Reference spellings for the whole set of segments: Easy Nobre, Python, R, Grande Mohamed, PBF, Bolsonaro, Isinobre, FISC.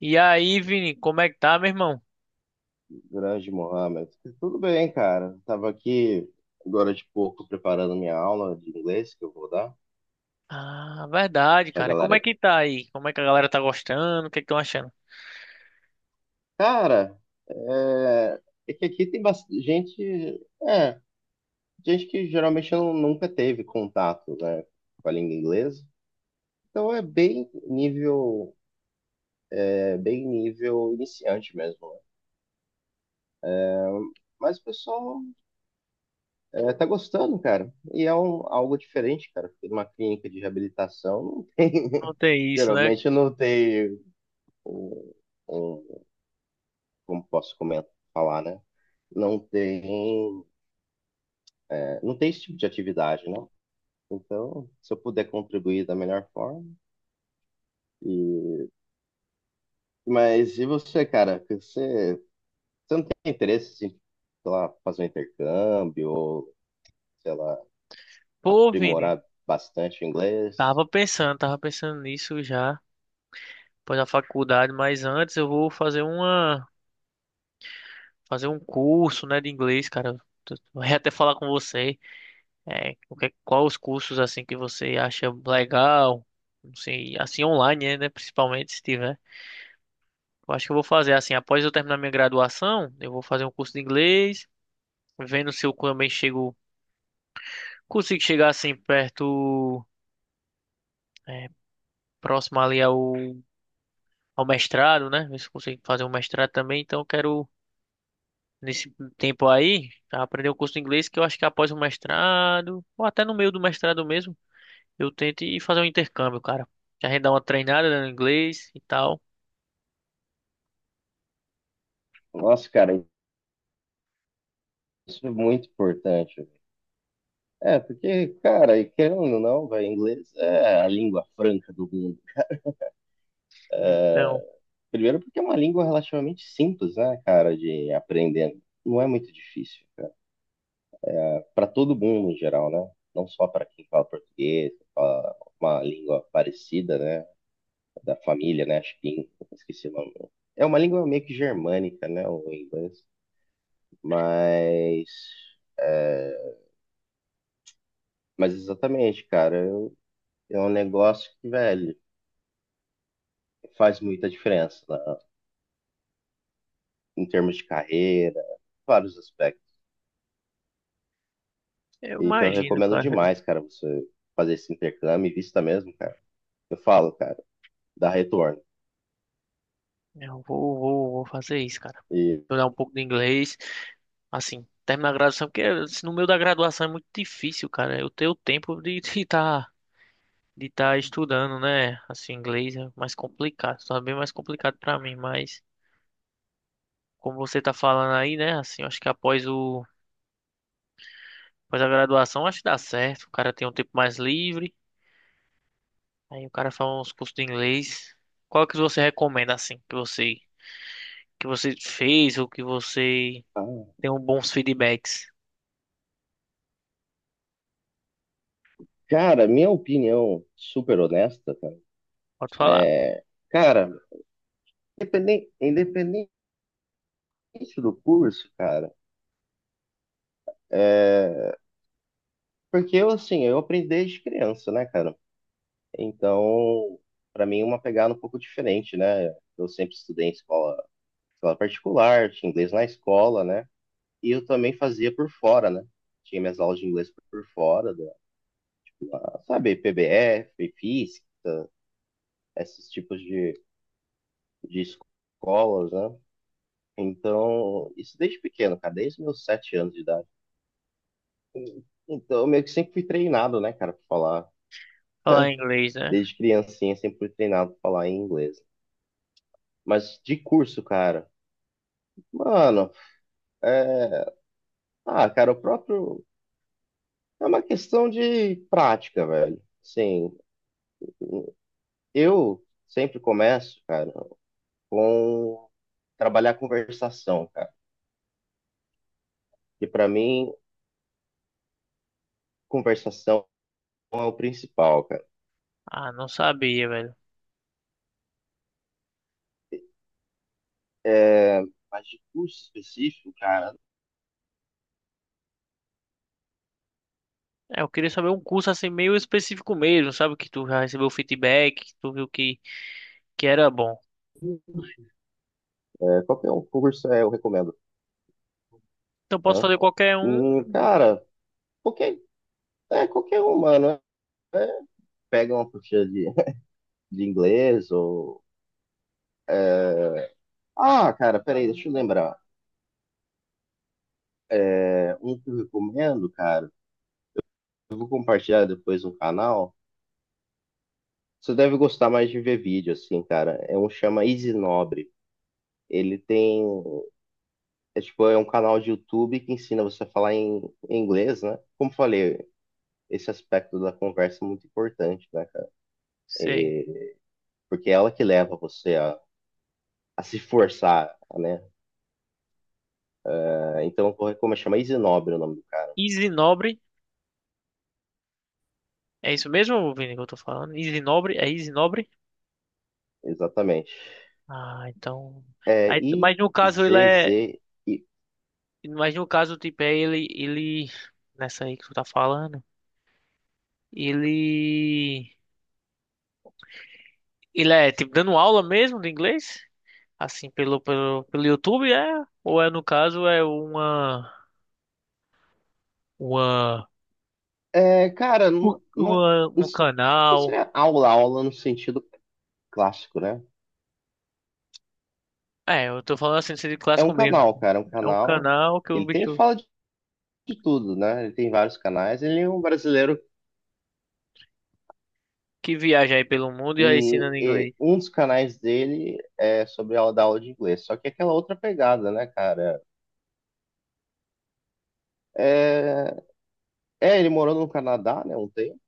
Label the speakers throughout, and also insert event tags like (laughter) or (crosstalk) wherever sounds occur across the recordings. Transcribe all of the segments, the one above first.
Speaker 1: E aí, Vini, como é que tá, meu irmão?
Speaker 2: Grande Mohamed. Tudo bem, cara. Tava aqui agora de pouco preparando minha aula de inglês que eu vou dar
Speaker 1: Ah, verdade,
Speaker 2: pra
Speaker 1: cara. Como
Speaker 2: galera.
Speaker 1: é
Speaker 2: Aqui.
Speaker 1: que tá aí? Como é que a galera tá gostando? O que é que estão achando?
Speaker 2: Cara, é, é que aqui tem bastante gente, gente que geralmente não, nunca teve contato, né, com a língua inglesa. Então é bem é bem nível iniciante mesmo, né? Mas o pessoal tá gostando, cara. E é algo diferente, cara. Fiquei numa clínica de reabilitação, não tem.
Speaker 1: Não
Speaker 2: (laughs)
Speaker 1: tem isso, né?
Speaker 2: Geralmente não tem um, um- como posso comentar, falar, né? Não tem, não tem esse tipo de atividade, né? Então, se eu puder contribuir da melhor forma. E, mas e você, cara? Você não tem interesse em, sei lá, fazer um intercâmbio ou, sei lá,
Speaker 1: Pô, Vini,
Speaker 2: aprimorar bastante o inglês?
Speaker 1: tava pensando nisso já, depois da faculdade, mas antes eu vou fazer um curso, né, de inglês, cara. Eu ia até falar com você, o qual os cursos, assim, que você acha legal, não sei, assim, online, né, principalmente, se tiver. Eu acho que eu vou fazer, assim, após eu terminar minha graduação, eu vou fazer um curso de inglês, vendo se eu também chego, consigo chegar assim perto, é, próximo ali ao mestrado, né? Ver se eu consigo fazer um mestrado também. Então, eu quero, nesse tempo aí, aprender um curso de inglês que eu acho que após o mestrado, ou até no meio do mestrado mesmo, eu tento ir fazer um intercâmbio, cara. Já gente dá uma treinada, né, no inglês e tal.
Speaker 2: Nossa, cara, isso é muito importante. É, porque, cara, e querendo ou não, vai, inglês é a língua franca do mundo.
Speaker 1: Então,
Speaker 2: Primeiro porque é uma língua relativamente simples, né, cara, de aprender. Não é muito difícil, cara. Para todo mundo em geral, né? Não só para quem fala português, quem fala uma língua parecida, né, da família, né, acho que esqueci o nome. É uma língua meio que germânica, né, o inglês, mas é, mas exatamente, cara, é um negócio que, velho, faz muita diferença, né, em termos de carreira, vários aspectos.
Speaker 1: eu
Speaker 2: Então, eu
Speaker 1: imagino,
Speaker 2: recomendo
Speaker 1: cara.
Speaker 2: demais, cara, você fazer esse intercâmbio e vista mesmo, cara. Eu falo, cara, dá retorno.
Speaker 1: Eu vou fazer isso, cara.
Speaker 2: E,
Speaker 1: Estudar um pouco de inglês, assim, terminar a graduação, porque assim, no meio da graduação é muito difícil, cara. Eu ter o tempo de (laughs) estar de tá estudando, né? Assim, inglês é mais complicado, só é bem mais complicado pra mim, mas como você tá falando aí, né? Assim, eu acho que após a graduação, acho que dá certo. O cara tem um tempo mais livre, aí o cara faz uns cursos de inglês. Qual que você recomenda assim, que você fez ou que você
Speaker 2: ah,
Speaker 1: tem um bons feedbacks?
Speaker 2: cara, minha opinião super honesta, cara,
Speaker 1: Pode falar.
Speaker 2: é, cara, independente do curso, cara, é, porque eu, assim, eu aprendi desde criança, né, cara? Então, pra mim, é uma pegada um pouco diferente, né? Eu sempre estudei em escola particular, tinha inglês na escola, né? E eu também fazia por fora, né? Tinha minhas aulas de inglês por fora, da, sabe, PBF, FISC, esses tipos de escolas, né? Então, isso desde pequeno, cara, desde os meus sete anos de idade. Então, eu meio que sempre fui treinado, né, cara, pra falar.
Speaker 1: Falar em inglês, né?
Speaker 2: Desde criancinha, sempre fui treinado pra falar em inglês. Mas de curso, cara, mano, é... ah, cara, o próprio. É uma questão de prática, velho. Sim, eu sempre começo, cara, com trabalhar a conversação, cara. E para mim, conversação é o principal, cara.
Speaker 1: Ah, não sabia, velho.
Speaker 2: É, mas de curso específico, cara,
Speaker 1: É, eu queria saber um curso assim meio específico mesmo, sabe? Que tu já recebeu feedback, que tu viu que era bom.
Speaker 2: é, qualquer um curso eu recomendo.
Speaker 1: Então posso
Speaker 2: Né?
Speaker 1: fazer qualquer um.
Speaker 2: Cara, qualquer, qualquer um, mano. É, pega uma apostila de, (laughs) de inglês ou. Ah, cara, peraí, deixa eu lembrar. É, um que eu recomendo, cara, eu vou compartilhar depois no canal. Você deve gostar mais de ver vídeo, assim, cara. É um chama Easy Nobre. Ele tem É tipo, é um canal de YouTube que ensina você a falar em inglês, né? Como eu falei, esse aspecto da conversa é muito importante, né, cara?
Speaker 1: Sei.
Speaker 2: Porque é ela que leva você a se forçar, né? Ah, então, eu vou recomendar, chama Isinobre o nome do cara.
Speaker 1: Easy Nobre. É isso mesmo, Vini, que eu tô falando? Easy Nobre? É Easy Nobre?
Speaker 2: Exatamente.
Speaker 1: Ah, então.
Speaker 2: É
Speaker 1: Aí, mas no caso ele é.
Speaker 2: I-Z-Z.
Speaker 1: Mas no caso, tipo, é ele. Ele. Nessa aí que tu tá falando. Ele. Ele é, tipo, dando aula mesmo de inglês? Assim, pelo YouTube, é? Ou é no caso, é uma,
Speaker 2: É, cara,
Speaker 1: um
Speaker 2: não
Speaker 1: canal.
Speaker 2: seria aula no sentido clássico, né?
Speaker 1: É, eu tô falando assim, de clássico mesmo.
Speaker 2: É um
Speaker 1: É um
Speaker 2: canal.
Speaker 1: canal que o
Speaker 2: Ele tem,
Speaker 1: bicho
Speaker 2: fala de tudo, né? Ele tem vários canais. Ele é um brasileiro.
Speaker 1: que viaja aí pelo mundo e aí ensina
Speaker 2: E
Speaker 1: inglês.
Speaker 2: um dos canais dele é sobre a da aula de inglês. Só que é aquela outra pegada, né, cara? É, ele morou no Canadá, né, um tempo.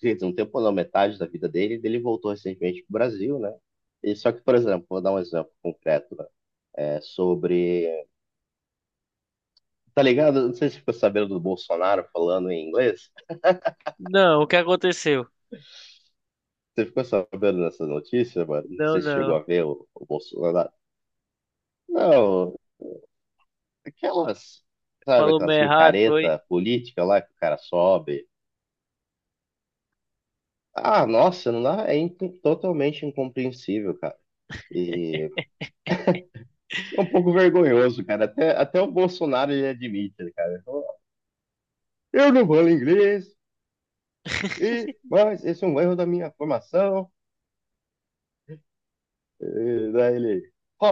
Speaker 2: Quer dizer, um tempo não, metade da vida dele. Ele voltou recentemente pro Brasil, né? E só que, por exemplo, vou dar um exemplo concreto, né? É sobre. Tá ligado? Não sei se você ficou sabendo do Bolsonaro falando em inglês.
Speaker 1: Não, o que aconteceu?
Speaker 2: Você ficou sabendo dessa notícia, mano? Não
Speaker 1: Não,
Speaker 2: sei se chegou a
Speaker 1: não.
Speaker 2: ver o Bolsonaro. Não, aquelas, sabe,
Speaker 1: Falou meio
Speaker 2: aquelas
Speaker 1: errado, foi?
Speaker 2: micareta política lá que o cara sobe. Ah, nossa, não dá, é totalmente incompreensível, cara. E é um pouco vergonhoso, cara. Até o Bolsonaro ele admite, né, cara. Eu não falo inglês, mas esse é um erro da minha formação. E daí ele ó,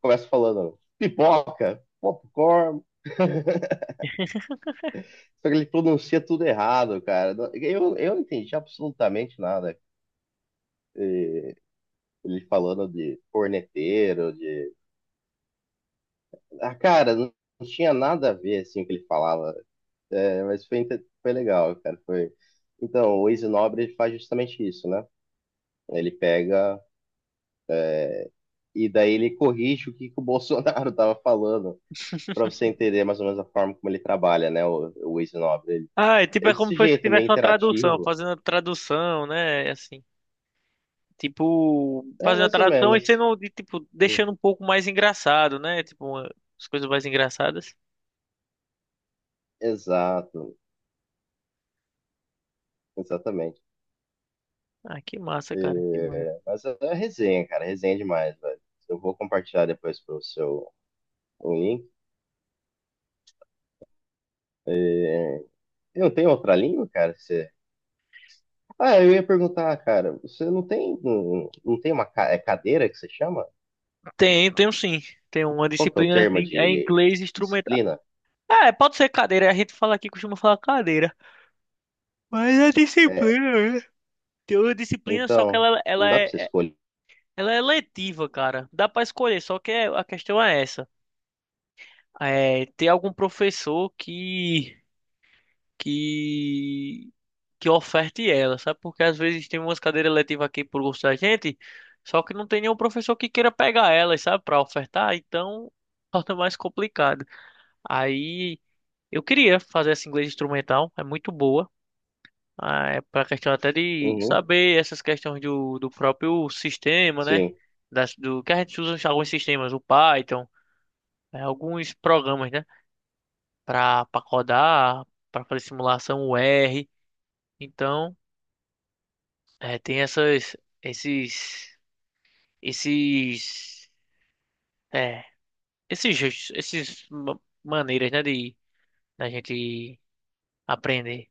Speaker 2: começa falando pipoca, popcorn. (laughs) Só que ele pronuncia tudo errado, cara. Eu não entendi absolutamente nada. Ele falando de corneteiro, de. Ah, cara, não tinha nada a ver, assim, o que ele falava. É, mas foi, foi legal, cara. Foi... Então, o Easy Nobre faz justamente isso, né? Ele pega e daí ele corrige o que o Bolsonaro (laughs) tava falando, para você
Speaker 1: (laughs)
Speaker 2: entender mais ou menos a forma como ele trabalha, né? O Easy Nobre. Ele,
Speaker 1: Ah, é tipo,
Speaker 2: é
Speaker 1: é como
Speaker 2: desse
Speaker 1: se fosse-
Speaker 2: jeito, meio
Speaker 1: tivesse uma tradução,
Speaker 2: interativo.
Speaker 1: fazendo a tradução, né? Assim, tipo,
Speaker 2: É,
Speaker 1: fazendo a
Speaker 2: mais ou
Speaker 1: tradução
Speaker 2: menos.
Speaker 1: e sendo, de, tipo, deixando um pouco mais engraçado, né? Tipo, uma- as coisas mais engraçadas.
Speaker 2: Exato, exatamente.
Speaker 1: Ah, que massa, cara, que massa.
Speaker 2: É, mas é resenha, cara, resenha demais, velho. Eu vou compartilhar depois pro seu o link. E não tem outra língua, cara? Que você... Ah, eu ia perguntar, cara, você não tem uma cadeira que você chama?
Speaker 1: Tem, tem um sim. Tem uma
Speaker 2: Qual que é o
Speaker 1: disciplina
Speaker 2: termo
Speaker 1: de é
Speaker 2: de
Speaker 1: inglês instrumental.
Speaker 2: disciplina?
Speaker 1: É, pode ser cadeira. A gente fala aqui, costuma falar cadeira. Mas é
Speaker 2: É,
Speaker 1: disciplina, né? Tem uma disciplina, só que
Speaker 2: então,
Speaker 1: ela
Speaker 2: não dá pra
Speaker 1: é,
Speaker 2: você escolher.
Speaker 1: ela é letiva, cara. Dá pra escolher, só que é- a questão é essa. É, tem algum professor que, que oferte ela, sabe? Porque às vezes tem umas cadeiras letivas aqui por gosto da gente, só que não tem nenhum professor que queira pegar elas, sabe? Pra ofertar, então torna mais complicado. Aí eu queria fazer essa inglês instrumental, é muito boa. Ah, é para questão até de
Speaker 2: Uhum,
Speaker 1: saber essas questões do próprio sistema, né?
Speaker 2: sim.
Speaker 1: Das, do que a gente usa em alguns sistemas, o Python, alguns programas, né? Para codar, para fazer simulação, o R. Então, tem essas, esses, esses, é, esses, esses ma- maneiras, né? De da gente aprender.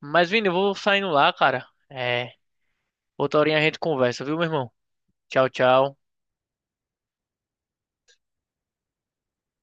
Speaker 1: Mas, Vini, eu vou saindo lá, cara. É, outra horinha a gente conversa, viu, meu irmão? Tchau, tchau.